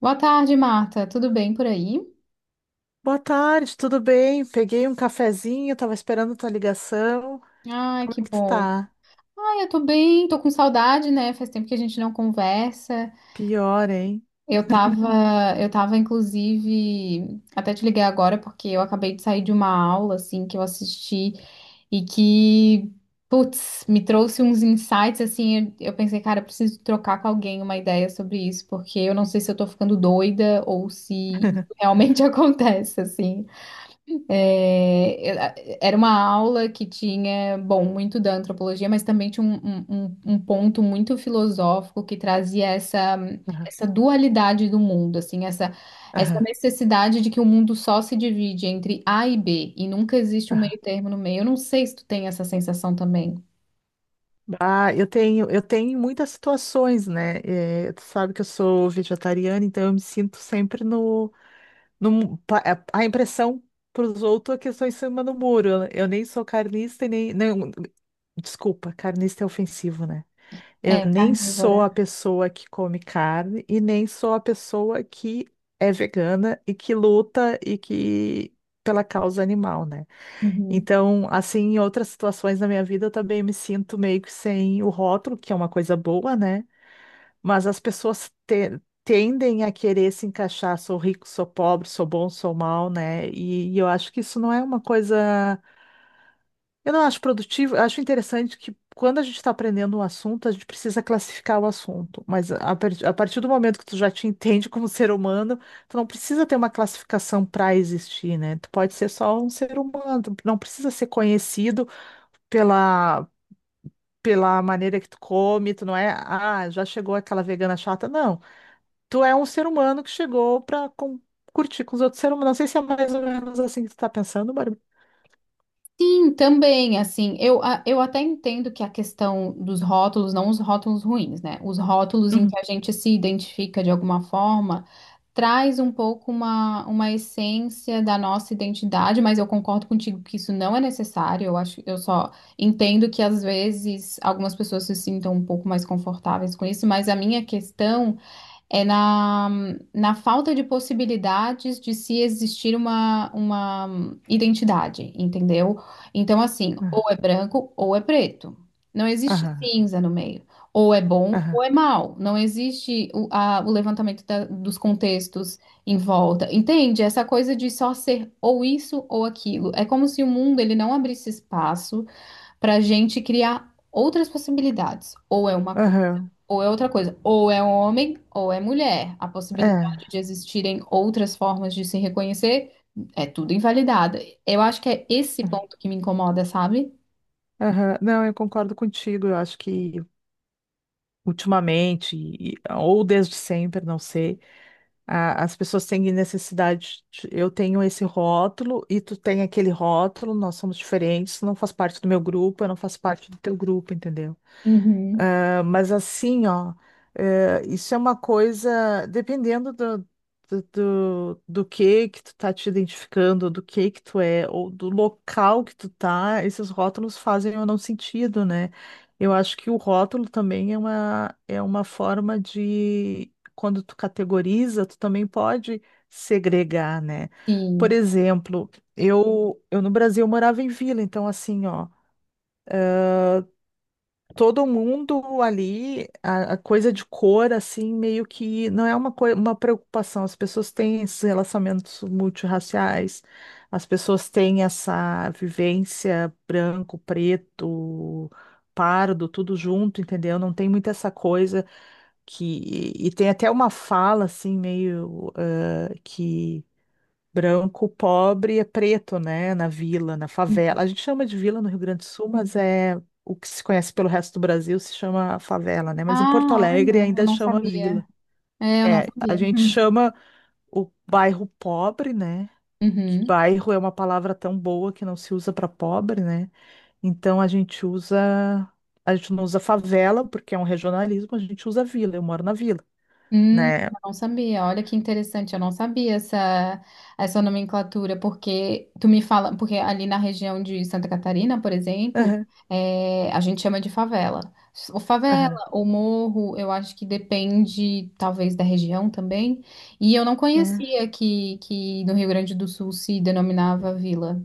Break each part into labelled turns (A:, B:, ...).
A: Boa tarde, Marta. Tudo bem por aí?
B: Boa tarde, tudo bem? Peguei um cafezinho, tava esperando tua ligação.
A: Ai,
B: Como é
A: que
B: que tu
A: bom.
B: tá?
A: Ai, eu tô bem, tô com saudade, né? Faz tempo que a gente não conversa.
B: Pior, hein?
A: Eu tava, inclusive, até te liguei agora porque eu acabei de sair de uma aula, assim, que eu assisti e que, putz, me trouxe uns insights, assim, eu pensei, cara, eu preciso trocar com alguém uma ideia sobre isso, porque eu não sei se eu tô ficando doida ou se isso realmente acontece, assim. É, era uma aula que tinha, bom, muito da antropologia, mas também tinha um ponto muito filosófico que trazia
B: Aham,
A: essa dualidade do mundo, assim, essa
B: aham,
A: necessidade de que o mundo só se divide entre A e B e nunca existe um
B: aham.
A: meio termo no meio. Eu não sei se tu tem essa sensação também.
B: Ah, eu tenho muitas situações, né? Tu sabe que eu sou vegetariana, então eu me sinto sempre no, no mu- pa- a impressão para os outros é que eu estou em cima do muro. Eu nem sou carnista e nem. Desculpa, carnista é ofensivo, né? Eu
A: É,
B: nem
A: carnívora.
B: sou a pessoa que come carne e nem sou a pessoa que é vegana e que luta e que pela causa animal, né?
A: Uhum.
B: Então, assim, em outras situações da minha vida, eu também me sinto meio que sem o rótulo, que é uma coisa boa, né? Mas as pessoas tendem a querer se encaixar, sou rico, sou pobre, sou bom, sou mal, né? E eu acho que isso não é uma coisa. Eu não acho produtivo, eu acho interessante que quando a gente está aprendendo um assunto, a gente precisa classificar o assunto. Mas a partir do momento que tu já te entende como ser humano, tu não precisa ter uma classificação para existir, né? Tu pode ser só um ser humano, tu não precisa ser conhecido pela, pela maneira que tu come, tu não é, ah, já chegou aquela vegana chata, não tu é um ser humano que chegou pra curtir com os outros seres humanos. Não sei se é mais ou menos assim que tu tá pensando, Bárbara.
A: Sim, também, assim, a- eu até entendo que a questão dos rótulos, não os rótulos ruins, né? Os rótulos em
B: Uhum.
A: que a gente se identifica de alguma forma, traz um pouco uma essência da nossa identidade, mas eu concordo contigo que isso não é necessário, eu acho, eu só entendo que às vezes algumas pessoas se sintam um pouco mais confortáveis com isso, mas a minha questão é na falta de possibilidades de se existir uma identidade, entendeu? Então, assim, ou
B: Ah,
A: é branco ou é preto. Não existe
B: aham,
A: cinza no meio. Ou é bom
B: aham,
A: ou é mal. Não existe a- o levantamento da- dos contextos em volta. Entende? Essa coisa de só ser ou isso ou aquilo. É como se o mundo ele não abrisse espaço para a gente criar outras possibilidades. Ou é uma
B: aham,
A: ou é outra coisa, ou é homem ou é mulher. A
B: é, é,
A: possibilidade de existirem outras formas de se reconhecer é tudo invalidada. Eu acho que é esse ponto que me incomoda, sabe?
B: aham. Não, eu concordo contigo. Eu acho que ultimamente, ou desde sempre, não sei, as pessoas têm necessidade. Eu tenho esse rótulo e tu tem aquele rótulo, nós somos diferentes, tu não faz parte do meu grupo, eu não faço parte do teu grupo, entendeu?
A: Uhum.
B: Ah, mas assim, ó, isso é uma coisa, dependendo do que tu tá te identificando, do que tu é, ou do local que tu tá, esses rótulos fazem ou não sentido, né? Eu acho que o rótulo também é é uma forma de, quando tu categoriza, tu também pode segregar, né? Por
A: Sim.
B: exemplo, eu no Brasil morava em vila, então assim, ó, todo mundo ali, a coisa de cor, assim, meio que não é uma preocupação. As pessoas têm esses relacionamentos multirraciais, as pessoas têm essa vivência branco, preto, pardo, tudo junto, entendeu? Não tem muito essa coisa que. E tem até uma fala, assim, meio que. Branco, pobre é preto, né? Na vila, na favela. A gente chama de vila no Rio Grande do Sul, mas é o que se conhece pelo resto do Brasil se chama favela, né? Mas em Porto
A: Ah,
B: Alegre
A: olha, eu
B: ainda
A: não
B: chama vila.
A: sabia. É, eu não
B: É, a
A: sabia.
B: gente chama o bairro pobre, né? Que
A: Uhum.
B: bairro é uma palavra tão boa que não se usa para pobre, né? Então a gente não usa favela porque é um regionalismo, a gente usa vila. Eu moro na vila,
A: Eu
B: né?
A: não sabia. Olha que interessante, eu não sabia essa nomenclatura, porque tu me fala, porque ali na região de Santa Catarina, por exemplo,
B: Aham,
A: é, a gente chama de favela. Ou favela,
B: aham.
A: ou morro, eu acho que depende, talvez, da região também. E eu não
B: É.
A: conhecia que no Rio Grande do Sul se denominava vila.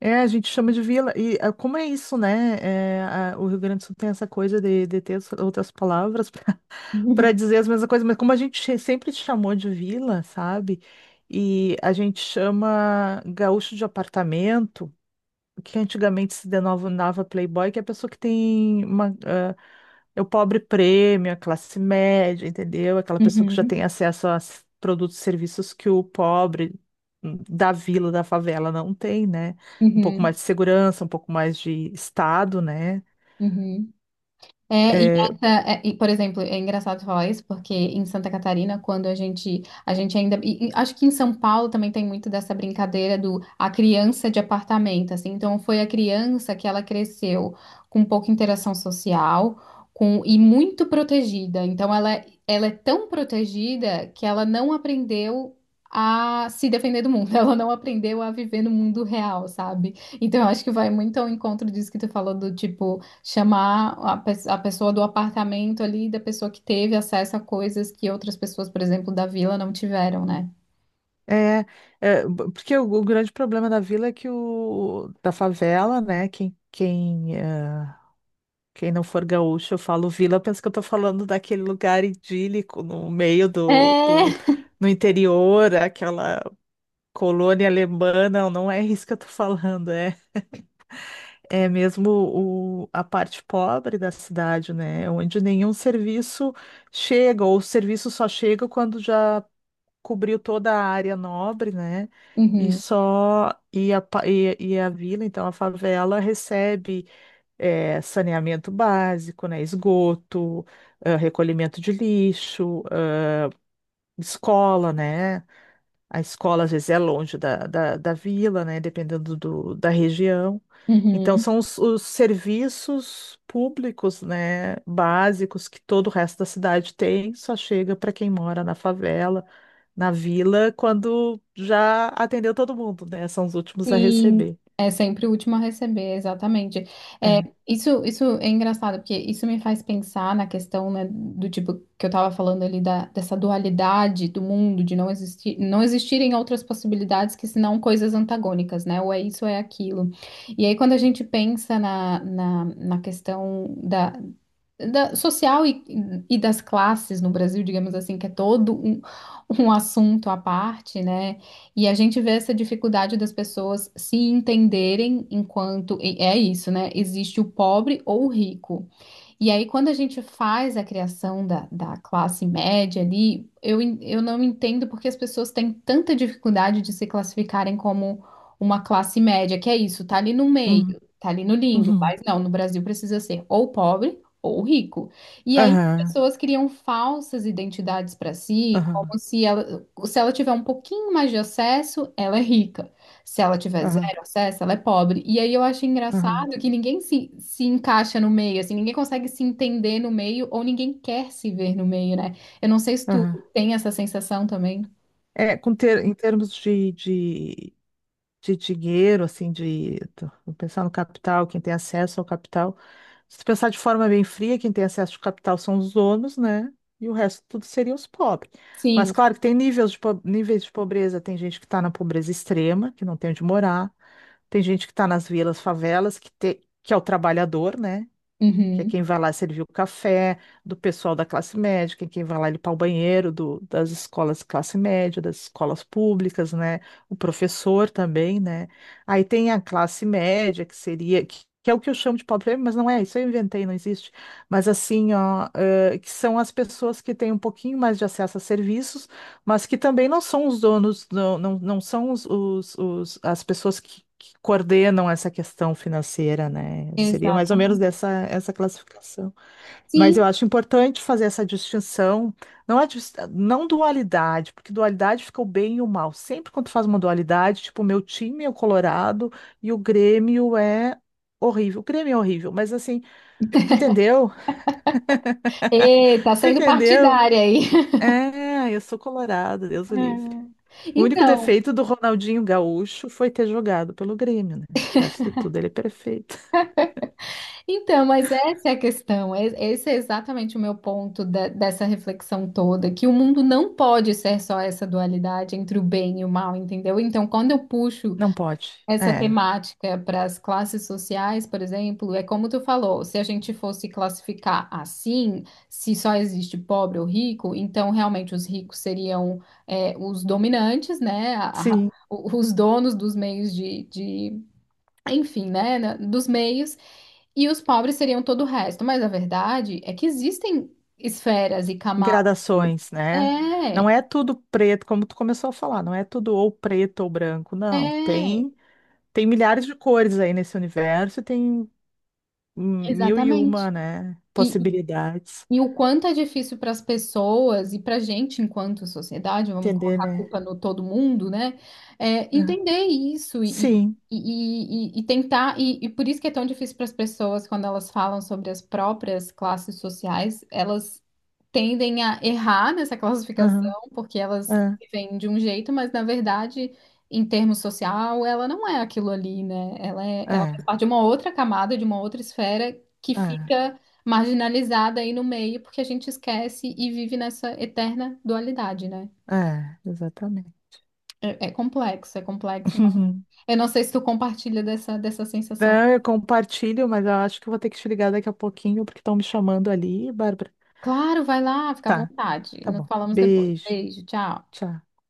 B: É, a gente chama de vila. E ah, como é isso, né? É, o Rio Grande do Sul tem essa coisa de ter outras palavras para dizer as mesmas coisas, mas como a gente sempre chamou de vila, sabe? E a gente chama gaúcho de apartamento que antigamente se denominava playboy, que é a pessoa que tem uma, ah, é o pobre prêmio, a classe média, entendeu? Aquela pessoa que já
A: Uhum,
B: tem acesso a produtos e serviços que o pobre da vila, da favela não tem, né? Um pouco
A: uhum,
B: mais de segurança, um pouco mais de estado, né?
A: uhum. É, e,
B: É,
A: essa, por exemplo, é engraçado falar isso, porque em Santa Catarina, quando a gente ainda, e acho que em São Paulo também tem muito dessa brincadeira do a criança de apartamento, assim, então foi a criança que ela cresceu com pouca interação social, com, e muito protegida, então ela é tão protegida que ela não aprendeu a se defender do mundo, ela não aprendeu a viver no mundo real, sabe? Então eu acho que vai muito ao encontro disso que tu falou do tipo, chamar a, pe- a pessoa do apartamento ali, da pessoa que teve acesso a coisas que outras pessoas, por exemplo, da vila não tiveram, né?
B: é, é, porque o grande problema da vila é que o da favela, né? Quem não for gaúcho, eu falo vila, pensa que eu tô falando daquele lugar idílico no meio do,
A: É.
B: no interior, aquela colônia alemã. Não, não é isso que eu tô falando, é mesmo a parte pobre da cidade, né? Onde nenhum serviço chega, ou o serviço só chega quando já cobriu toda a área nobre, né? E
A: Uhum,
B: só e a, pa- e a vila, então a favela recebe saneamento básico, né, esgoto, ah, recolhimento de lixo, ah, escola, né? A escola às vezes é longe da vila, né? Dependendo da região. Então,
A: uhum.
B: são os serviços públicos, né, básicos que todo o resto da cidade tem, só chega para quem mora na favela, na vila, quando já atendeu todo mundo, né? São os últimos a
A: Sim,
B: receber.
A: é sempre o último a receber, exatamente. É,
B: É.
A: isso é engraçado, porque isso me faz pensar na questão, né, do tipo que eu tava falando ali da, dessa dualidade do mundo, de não existir, não existirem outras possibilidades que senão coisas antagônicas, né? Ou é isso ou é aquilo. E aí, quando a gente pensa na questão da social e das classes no Brasil, digamos assim, que é todo um assunto à parte, né? E a gente vê essa dificuldade das pessoas se entenderem enquanto e é isso, né? Existe o pobre ou o rico. E aí, quando a gente faz a criação da classe média ali, en- eu não entendo porque as pessoas têm tanta dificuldade de se classificarem como uma classe média, que é isso, tá ali no meio,
B: Uhum.
A: tá ali no limbo,
B: Uhum.
A: mas não, no Brasil precisa ser ou pobre ou rico. E aí, as
B: Aham.
A: pessoas criam falsas identidades para si,
B: Aham.
A: como se ela tiver um pouquinho mais de acesso, ela é rica. Se ela tiver
B: Aham.
A: zero acesso, ela é pobre. E aí eu acho
B: Aham.
A: engraçado que ninguém se encaixa no meio, assim, ninguém consegue se entender no meio ou ninguém quer se ver no meio, né? Eu não sei se tu
B: Aham.
A: tem essa sensação também.
B: É, com ter, em termos de dinheiro, assim, vou pensar no capital, quem tem acesso ao capital. Se tu pensar de forma bem fria, quem tem acesso ao capital são os donos, né? E o resto tudo seriam os pobres. Mas
A: Sim.
B: claro que tem níveis de pobreza, tem gente que está na pobreza extrema, que não tem onde morar, tem gente que está nas vilas, favelas, que é o trabalhador, né? Que é
A: Uhum.
B: quem vai lá servir o café do pessoal da classe média, que é quem vai lá limpar o banheiro das escolas de classe média, das escolas públicas, né? O professor também, né? Aí tem a classe média, que que é o que eu chamo de pobre, mas não é, isso eu inventei, não existe. Mas assim, ó, que são as pessoas que têm um pouquinho mais de acesso a serviços, mas que também não são os donos, não, não, não são os- as pessoas que coordenam essa questão financeira, né? Seria mais ou menos
A: Exatamente.
B: dessa essa classificação. Mas
A: Sim.
B: eu acho importante fazer essa distinção, não dualidade, porque dualidade fica o bem e o mal. Sempre quando tu faz uma dualidade, tipo, o meu time é o Colorado e o Grêmio é horrível. O Grêmio é horrível, mas assim, tu entendeu?
A: Ê, tá
B: Tu
A: sendo
B: entendeu?
A: partidária aí.
B: É, eu sou colorado, Deus o livre.
A: É.
B: O único
A: Então,
B: defeito do Ronaldinho Gaúcho foi ter jogado pelo Grêmio, né? O resto tudo ele é perfeito.
A: então, mas essa é a questão. E- Esse é exatamente o meu ponto da- dessa reflexão toda, que o mundo não pode ser só essa dualidade entre o bem e o mal, entendeu? Então, quando eu puxo
B: Não pode.
A: essa
B: É.
A: temática para as classes sociais, por exemplo, é como tu falou, se a gente fosse classificar assim, se só existe pobre ou rico, então realmente os ricos seriam é, os dominantes, né? A-
B: Sim,
A: o- os donos dos meios de enfim, né? na- Dos meios, e os pobres seriam todo o resto. Mas a verdade é que existem esferas e camadas.
B: gradações, né? Não
A: É,
B: é tudo preto, como tu começou a falar, não é tudo ou preto ou branco, não.
A: é,
B: Tem milhares de cores aí nesse universo, e tem mil e
A: exatamente.
B: uma, né, possibilidades.
A: E o quanto é difícil para as pessoas e para a gente, enquanto sociedade, vamos
B: Entender,
A: colocar a
B: né?
A: culpa no todo mundo, né? É,
B: É.
A: entender isso e,
B: Sim.
A: e, e, e- e tentar. E por isso que é tão difícil para as pessoas, quando elas falam sobre as próprias classes sociais, elas tendem a errar nessa
B: Aham.
A: classificação, porque elas
B: É,
A: vêm de um jeito, mas na verdade, em termos social, ela não é aquilo ali, né? Ela é, ela faz
B: é,
A: parte de uma outra camada, de uma outra esfera que
B: é,
A: fica marginalizada aí no meio, porque a gente esquece e vive nessa eterna dualidade, né?
B: exatamente.
A: É, é complexo, é complexo. Mas eu não sei se tu compartilha dessa, dessa sensação.
B: Não, eu compartilho, mas eu acho que eu vou ter que te ligar daqui a pouquinho, porque estão me chamando ali, Bárbara.
A: Claro, vai lá, fica à
B: Tá,
A: vontade.
B: tá
A: Nos
B: bom.
A: falamos depois.
B: Beijo.
A: Beijo, tchau.
B: Tchau.